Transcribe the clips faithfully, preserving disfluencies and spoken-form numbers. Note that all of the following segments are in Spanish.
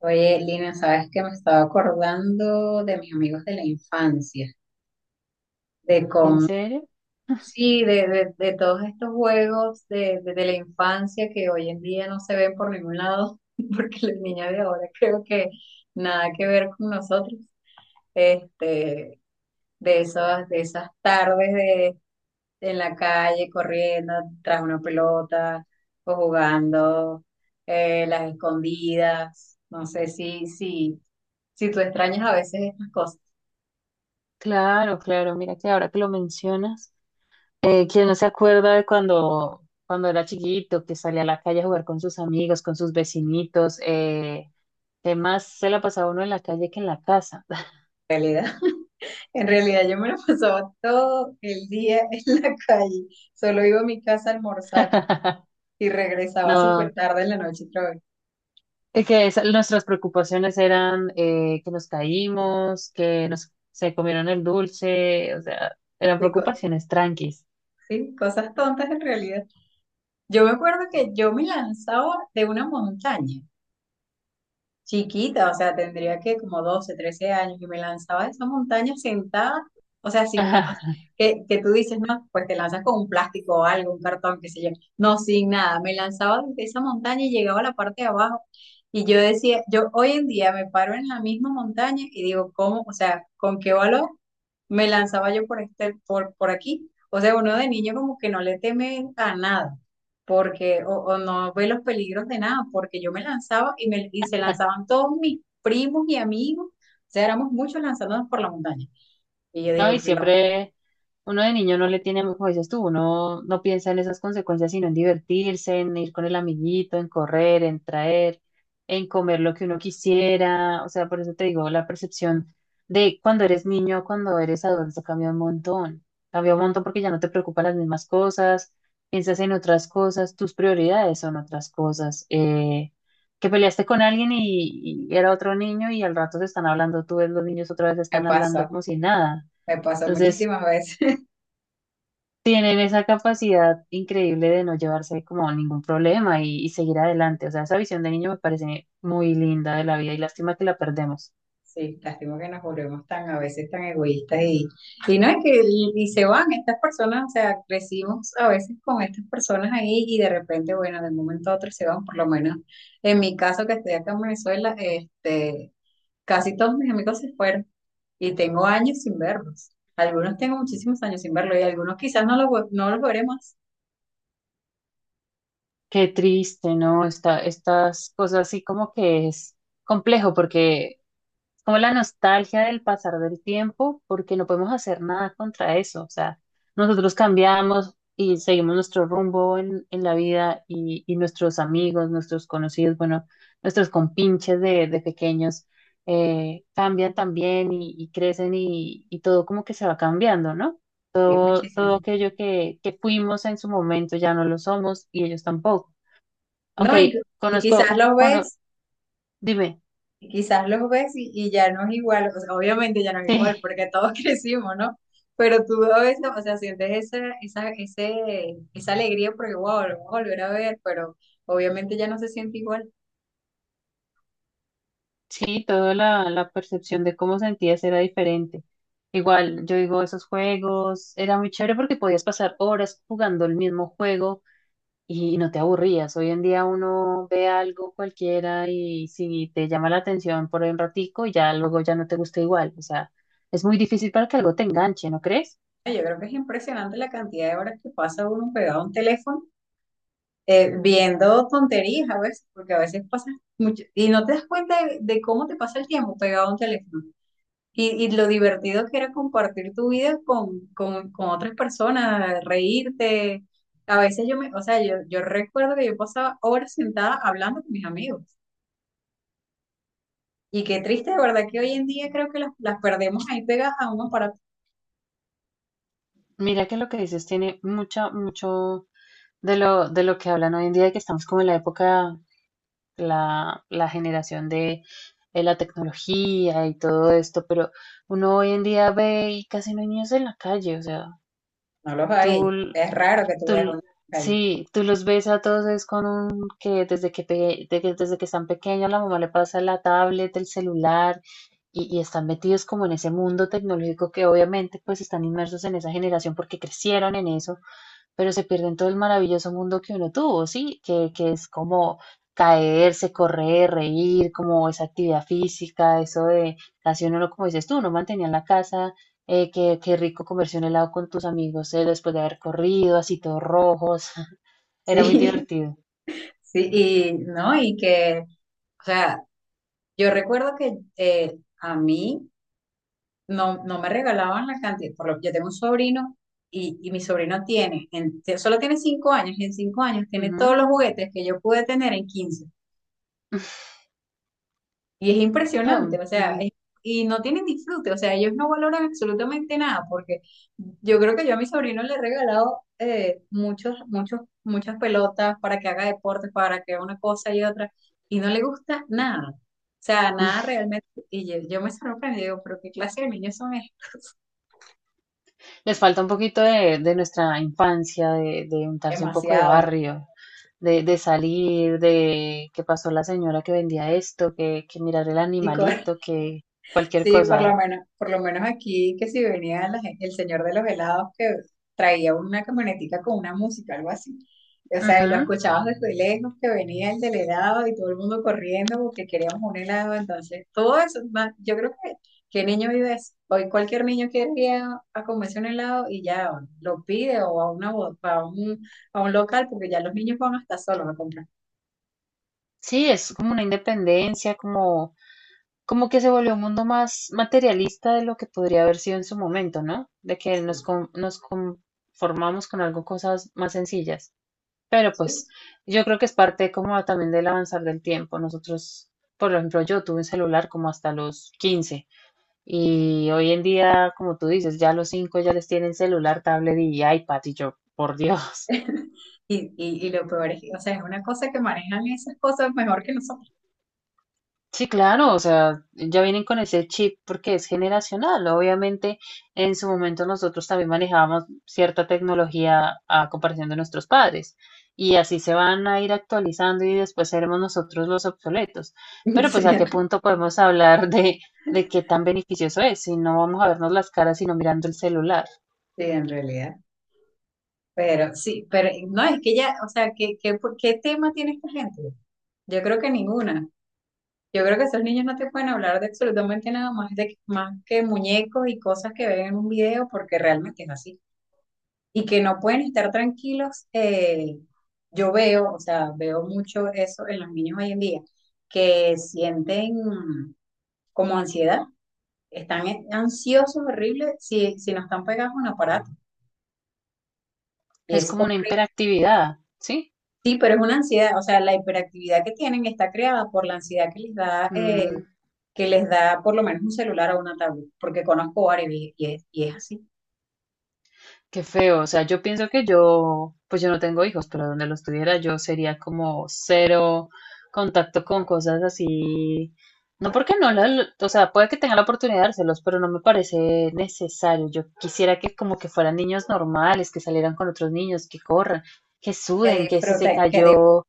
Oye, Lina, sabes que me estaba acordando de mis amigos de la infancia, de ¿En cómo, serio? sí, de, de- de todos estos juegos de, de- de la infancia que hoy en día no se ven por ningún lado, porque las niñas de ahora creo que nada que ver con nosotros. Este, de esas, de esas tardes de, en la calle corriendo tras una pelota o jugando eh, las escondidas. No sé si, si, si tú extrañas a veces estas cosas. Claro, claro. Mira que ahora que lo mencionas, eh, ¿quién no se acuerda de cuando, cuando era chiquito, que salía a la calle a jugar con sus amigos, con sus vecinitos? Eh, que más se la pasaba uno en la calle que en la casa. Realidad. En realidad yo me lo pasaba todo el día en la calle. Solo iba a mi casa a almorzar y regresaba No, súper tarde en la noche otra vez. es que esa- nuestras preocupaciones eran eh, que nos caímos, que nos se comieron el dulce, o sea, eran Y co- preocupaciones tranquis. sí, cosas tontas en realidad. Yo me acuerdo que yo me lanzaba de una montaña chiquita, o sea, tendría que como doce, trece años y me lanzaba de esa montaña sentada, o sea, sin nada, que, que tú dices, no, pues te lanzas con un plástico o algo, un cartón, qué sé yo, no, sin nada, me lanzaba desde esa montaña y llegaba a la parte de abajo y yo decía, yo hoy en día me paro en la misma montaña y digo, ¿cómo? O sea, ¿con qué valor? Me lanzaba yo por, este, por, por aquí. O sea, uno de niño como que no le teme a nada, porque, o, o no ve los peligros de nada, porque yo me lanzaba y, me, y se lanzaban todos mis primos y amigos. O sea, éramos muchos lanzándonos por la montaña. Y yo No, digo, y que lo siempre uno de niño no le tiene, como dices tú, uno no piensa en esas consecuencias, sino en divertirse, en ir con el amiguito, en correr, en traer, en comer lo que uno quisiera. O sea, por eso te digo, la percepción de cuando eres niño, cuando eres adulto, cambia un montón. Cambia un montón porque ya no te preocupan las mismas cosas, piensas en otras cosas, tus prioridades son otras cosas. Eh, que peleaste con alguien y, y era otro niño y al rato se están hablando, tú ves los niños otra vez me están hablando pasó, como si nada. me pasó Entonces, muchísimas veces. tienen esa capacidad increíble de no llevarse como ningún problema y, y seguir adelante. O sea, esa visión de niño me parece muy linda de la vida y lástima que la perdemos. Sí, lástima que nos volvemos tan a veces tan egoístas y, y no es que y, y se van estas personas, o sea, crecimos a veces con estas personas ahí y de repente, bueno, de un momento a otro se van, por lo menos en mi caso que estoy acá en Venezuela, este, casi todos mis amigos se fueron y tengo años sin verlos. Algunos tengo muchísimos años sin verlos y algunos quizás no los, vo- no los veremos. Qué triste, ¿no? Esta, estas cosas así como que es complejo porque como la nostalgia del pasar del tiempo, porque no podemos hacer nada contra eso. O sea, nosotros cambiamos y seguimos nuestro rumbo en, en la vida y, y nuestros amigos, nuestros conocidos, bueno, nuestros compinches de, de pequeños eh, cambian también y, y crecen y, y todo como que se va cambiando, ¿no? Sí, Todo, muchísimo. todo aquello que, que fuimos en su momento ya no lo somos y ellos tampoco. No, y, Aunque y quizás conozco, los cono- ves. dime, Y quizás los ves y, y ya no es igual, o sea, obviamente ya no es igual, sí. porque todos crecimos, ¿no? Pero tú a veces, o sea, sientes esa, esa, ese, esa alegría porque, wow, lo vamos a volver a ver, pero obviamente ya no se siente igual. Sí, toda la, la percepción de cómo sentías era diferente. Igual, yo digo, esos juegos era muy chévere porque podías pasar horas jugando el mismo juego y no te aburrías. Hoy en día uno ve algo cualquiera y si te llama la atención por un ratico, ya luego ya no te gusta igual. O sea, es muy difícil para que algo te enganche, ¿no crees? Ay, yo creo que es impresionante la cantidad de horas que pasa uno pegado a un teléfono eh, viendo tonterías a veces, porque a veces pasa mucho, y no te das cuenta de, de cómo te pasa el tiempo pegado a un teléfono. Y, y lo divertido que era compartir tu vida con, con, con otras personas, reírte. A veces yo me, o sea, yo, yo recuerdo que yo pasaba horas sentada hablando con mis amigos. Y qué triste, de verdad, que hoy en día creo que las, las perdemos ahí pegadas a un aparato. Mira que lo que dices tiene mucho, mucho de lo, de lo que hablan hoy en día, de que estamos como en la época la, la generación de, de la tecnología y todo esto, pero uno hoy en día ve y casi no hay niños en la calle, o sea, No los hay. tú, Es raro que tú veas tú, una en la calle. sí, tú los ves a todos es con un que desde que, pe- de que- desde que están pequeños la mamá le pasa la tablet, el celular y, y están metidos como en ese mundo tecnológico que obviamente pues están inmersos en esa generación porque crecieron en eso pero se pierden todo el maravilloso mundo que uno tuvo, ¿sí? Que, que es como caerse, correr, reír, como esa actividad física, eso de casi uno, no- como dices tú, no mantenía en la casa, eh, qué, qué rico comerse un helado con tus amigos eh, después de haber corrido, así todos rojos, Sí, era muy divertido. sí, y no, y que, o sea, yo recuerdo que eh, a mí no, no me regalaban la cantidad, por lo que yo tengo un sobrino y, y mi sobrino tiene, en- solo tiene cinco años y en cinco años tiene todos Ujú. los juguetes que yo pude tener en quince Y es Ah, impresionante, o sea, ujú. es- y no tienen disfrute, o sea, ellos no valoran absolutamente nada porque yo creo que yo a mi sobrino le he regalado eh, muchos, muchos, muchas pelotas para que haga deportes, para que haga una cosa y otra, y no le gusta nada. O sea, nada realmente. Y yo, yo me sorprendí, digo, ¿pero qué clase de niños son estos? Les falta un poquito de, de nuestra infancia, de, de untarse un poco de Demasiado. barrio, de, de salir, de qué pasó la señora que vendía esto, que, que mirar el Y co- animalito, que cualquier Sí, por lo cosa. menos, por lo menos aquí que si venía la gen- el señor de los helados que traía una camionetica con una música, algo así. O sea, y lo Ujú. escuchabas desde lejos que venía el del helado y todo el mundo corriendo porque queríamos un helado. Entonces, todo eso, ma- yo creo que, ¿qué niño vive eso? Hoy cualquier niño quiere ir a, a comerse un helado y ya lo pide o a una bo- a un, a un local porque ya los niños van hasta solos a comprar. Sí, es como una independencia, como, como que se volvió un mundo más materialista de lo que podría haber sido en su momento, ¿no? De que nos, con- nos conformamos con algo, cosas más sencillas. Pero Sí, pues yo creo que es parte como también del avanzar del tiempo. Nosotros, por ejemplo, yo tuve un celular como hasta los quince y hoy en día, como tú dices, ya los cinco ya les tienen celular, tablet y iPad y yo, por Dios. y, y, y lo peor es que, o sea, es una cosa que manejan esas cosas mejor que nosotros. Sí, claro, o sea, ya vienen con ese chip porque es generacional. Obviamente, en su momento nosotros también manejábamos cierta tecnología a comparación de nuestros padres y así se van a ir actualizando y después seremos nosotros los obsoletos. Pero pues Sí, a en qué re- punto podemos hablar de, de qué tan beneficioso es si no vamos a vernos las caras sino mirando el celular. sí, en realidad. Pero sí, pero no, es que ya, o sea, ¿qué, qué, qué tema tiene esta gente? Yo creo que ninguna. Yo creo que esos niños no te pueden hablar de absolutamente nada más, de, más que muñecos y cosas que ven en un video, porque realmente es así. Y que no pueden estar tranquilos. Eh, yo veo, o sea, veo mucho eso en los niños hoy en día, que sienten como ansiedad. Están en- ansiosos, horribles, si, si no están pegados a un aparato. Y Es es, como hor- una hiperactividad, ¿sí? sí, pero es una ansiedad, o sea, la hiperactividad que tienen está creada por la ansiedad que les da, eh, Mm, que les da por lo menos un celular o una tablet, porque conozco varios y, y es, y es así. Qué feo, o sea, yo pienso que yo, pues yo no tengo hijos, pero donde los tuviera yo sería como cero contacto con cosas así. No porque no, la- o sea, puede que tenga la oportunidad de dárselos, pero no me parece necesario. Yo quisiera que como que fueran niños normales, que salieran con otros niños, que corran, que Que suden, que si se disfrutan, que, di- cayó,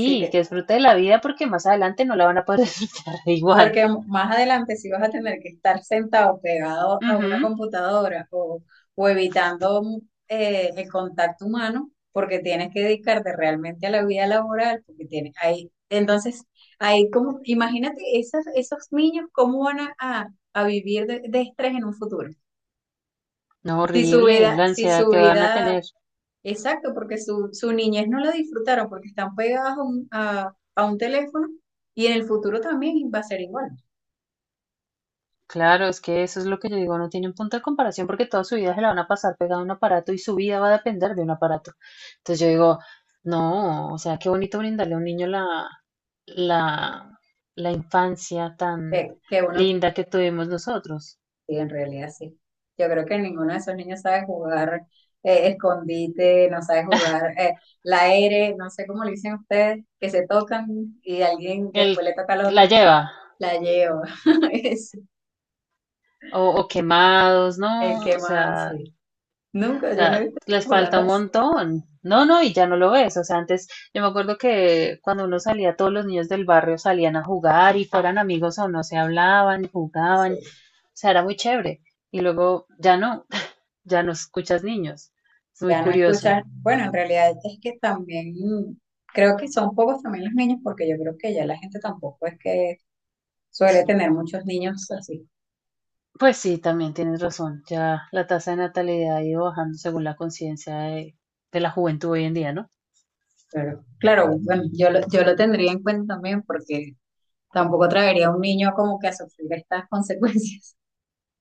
sí. que disfrute de la vida porque más adelante no la van a poder disfrutar igual. Porque más adelante sí vas a tener que estar sentado pegado a una Ujú. computadora o, o evitando mm, eh, el contacto humano porque tienes que dedicarte realmente a la vida laboral, porque tienes ahí, entonces, ahí como, imagínate esos, esos niños cómo van a, a- a vivir de, de estrés en un futuro. No, Si su horrible, vida, la si ansiedad su que van a vida, tener. exacto, porque su, su niñez no la disfrutaron porque están pegados a un, a- a un teléfono y en el futuro también va a ser igual Claro, es que eso es lo que yo digo, no tienen punto de comparación porque toda su vida se la van a pasar pegada a un aparato y su vida va a depender de un aparato. Entonces yo digo, no, o sea, qué bonito brindarle a un niño la, la, la infancia tan que, que uno. linda que tuvimos nosotros. Sí, en realidad sí. Yo creo que ninguno de esos niños sabe jugar eh, escondite, no sabe jugar eh, la R, no sé cómo le dicen ustedes, que se tocan y alguien Él después le toca al la otro, lleva, la llevo. Es o, o quemados, el ¿no? que O más, sea, sí. o Nunca, yo no he sea, visto les falta jugando un así. montón. No, no, y ya no lo ves. O sea, antes yo me acuerdo que cuando uno salía, todos los niños del barrio salían a jugar y fueran amigos o no, se hablaban, Sí, jugaban. O sea, era muy chévere. Y luego ya no, ya no escuchas niños. Es muy ya no curioso. escuchan. Bueno, en realidad es que también mm, creo que son pocos también los niños, porque yo creo que ya la gente tampoco es que suele tener muchos niños así. Pues sí, también tienes razón. Ya la tasa de natalidad ha ido bajando según la conciencia de, de la juventud hoy en día, ¿no? Claro, claro, bueno, yo lo, yo lo tendría en cuenta también porque tampoco traería a un niño como que a sufrir estas consecuencias.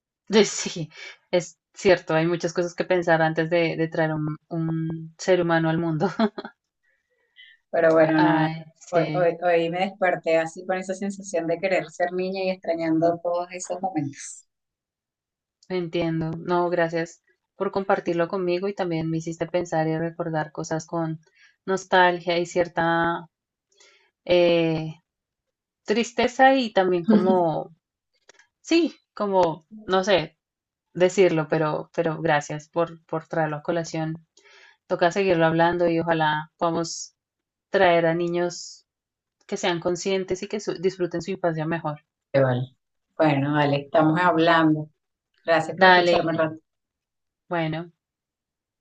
Sí, es cierto. Hay muchas cosas que pensar antes de, de traer un, un ser humano al mundo. Pero bueno, nada, Ay, sí, hoy, hoy, hoy me desperté así con esa sensación de querer ser niña y extrañando todos esos momentos. entiendo. No, gracias por compartirlo conmigo y también me hiciste pensar y recordar cosas con nostalgia y cierta eh, tristeza y también como, sí, como, no sé decirlo, pero, pero gracias por, por traerlo a colación. Toca seguirlo hablando y ojalá podamos traer a niños que sean conscientes y que su- disfruten su infancia mejor. Vale. Bueno, vale, estamos hablando. Gracias por escucharme, Dale, Rafa. bueno.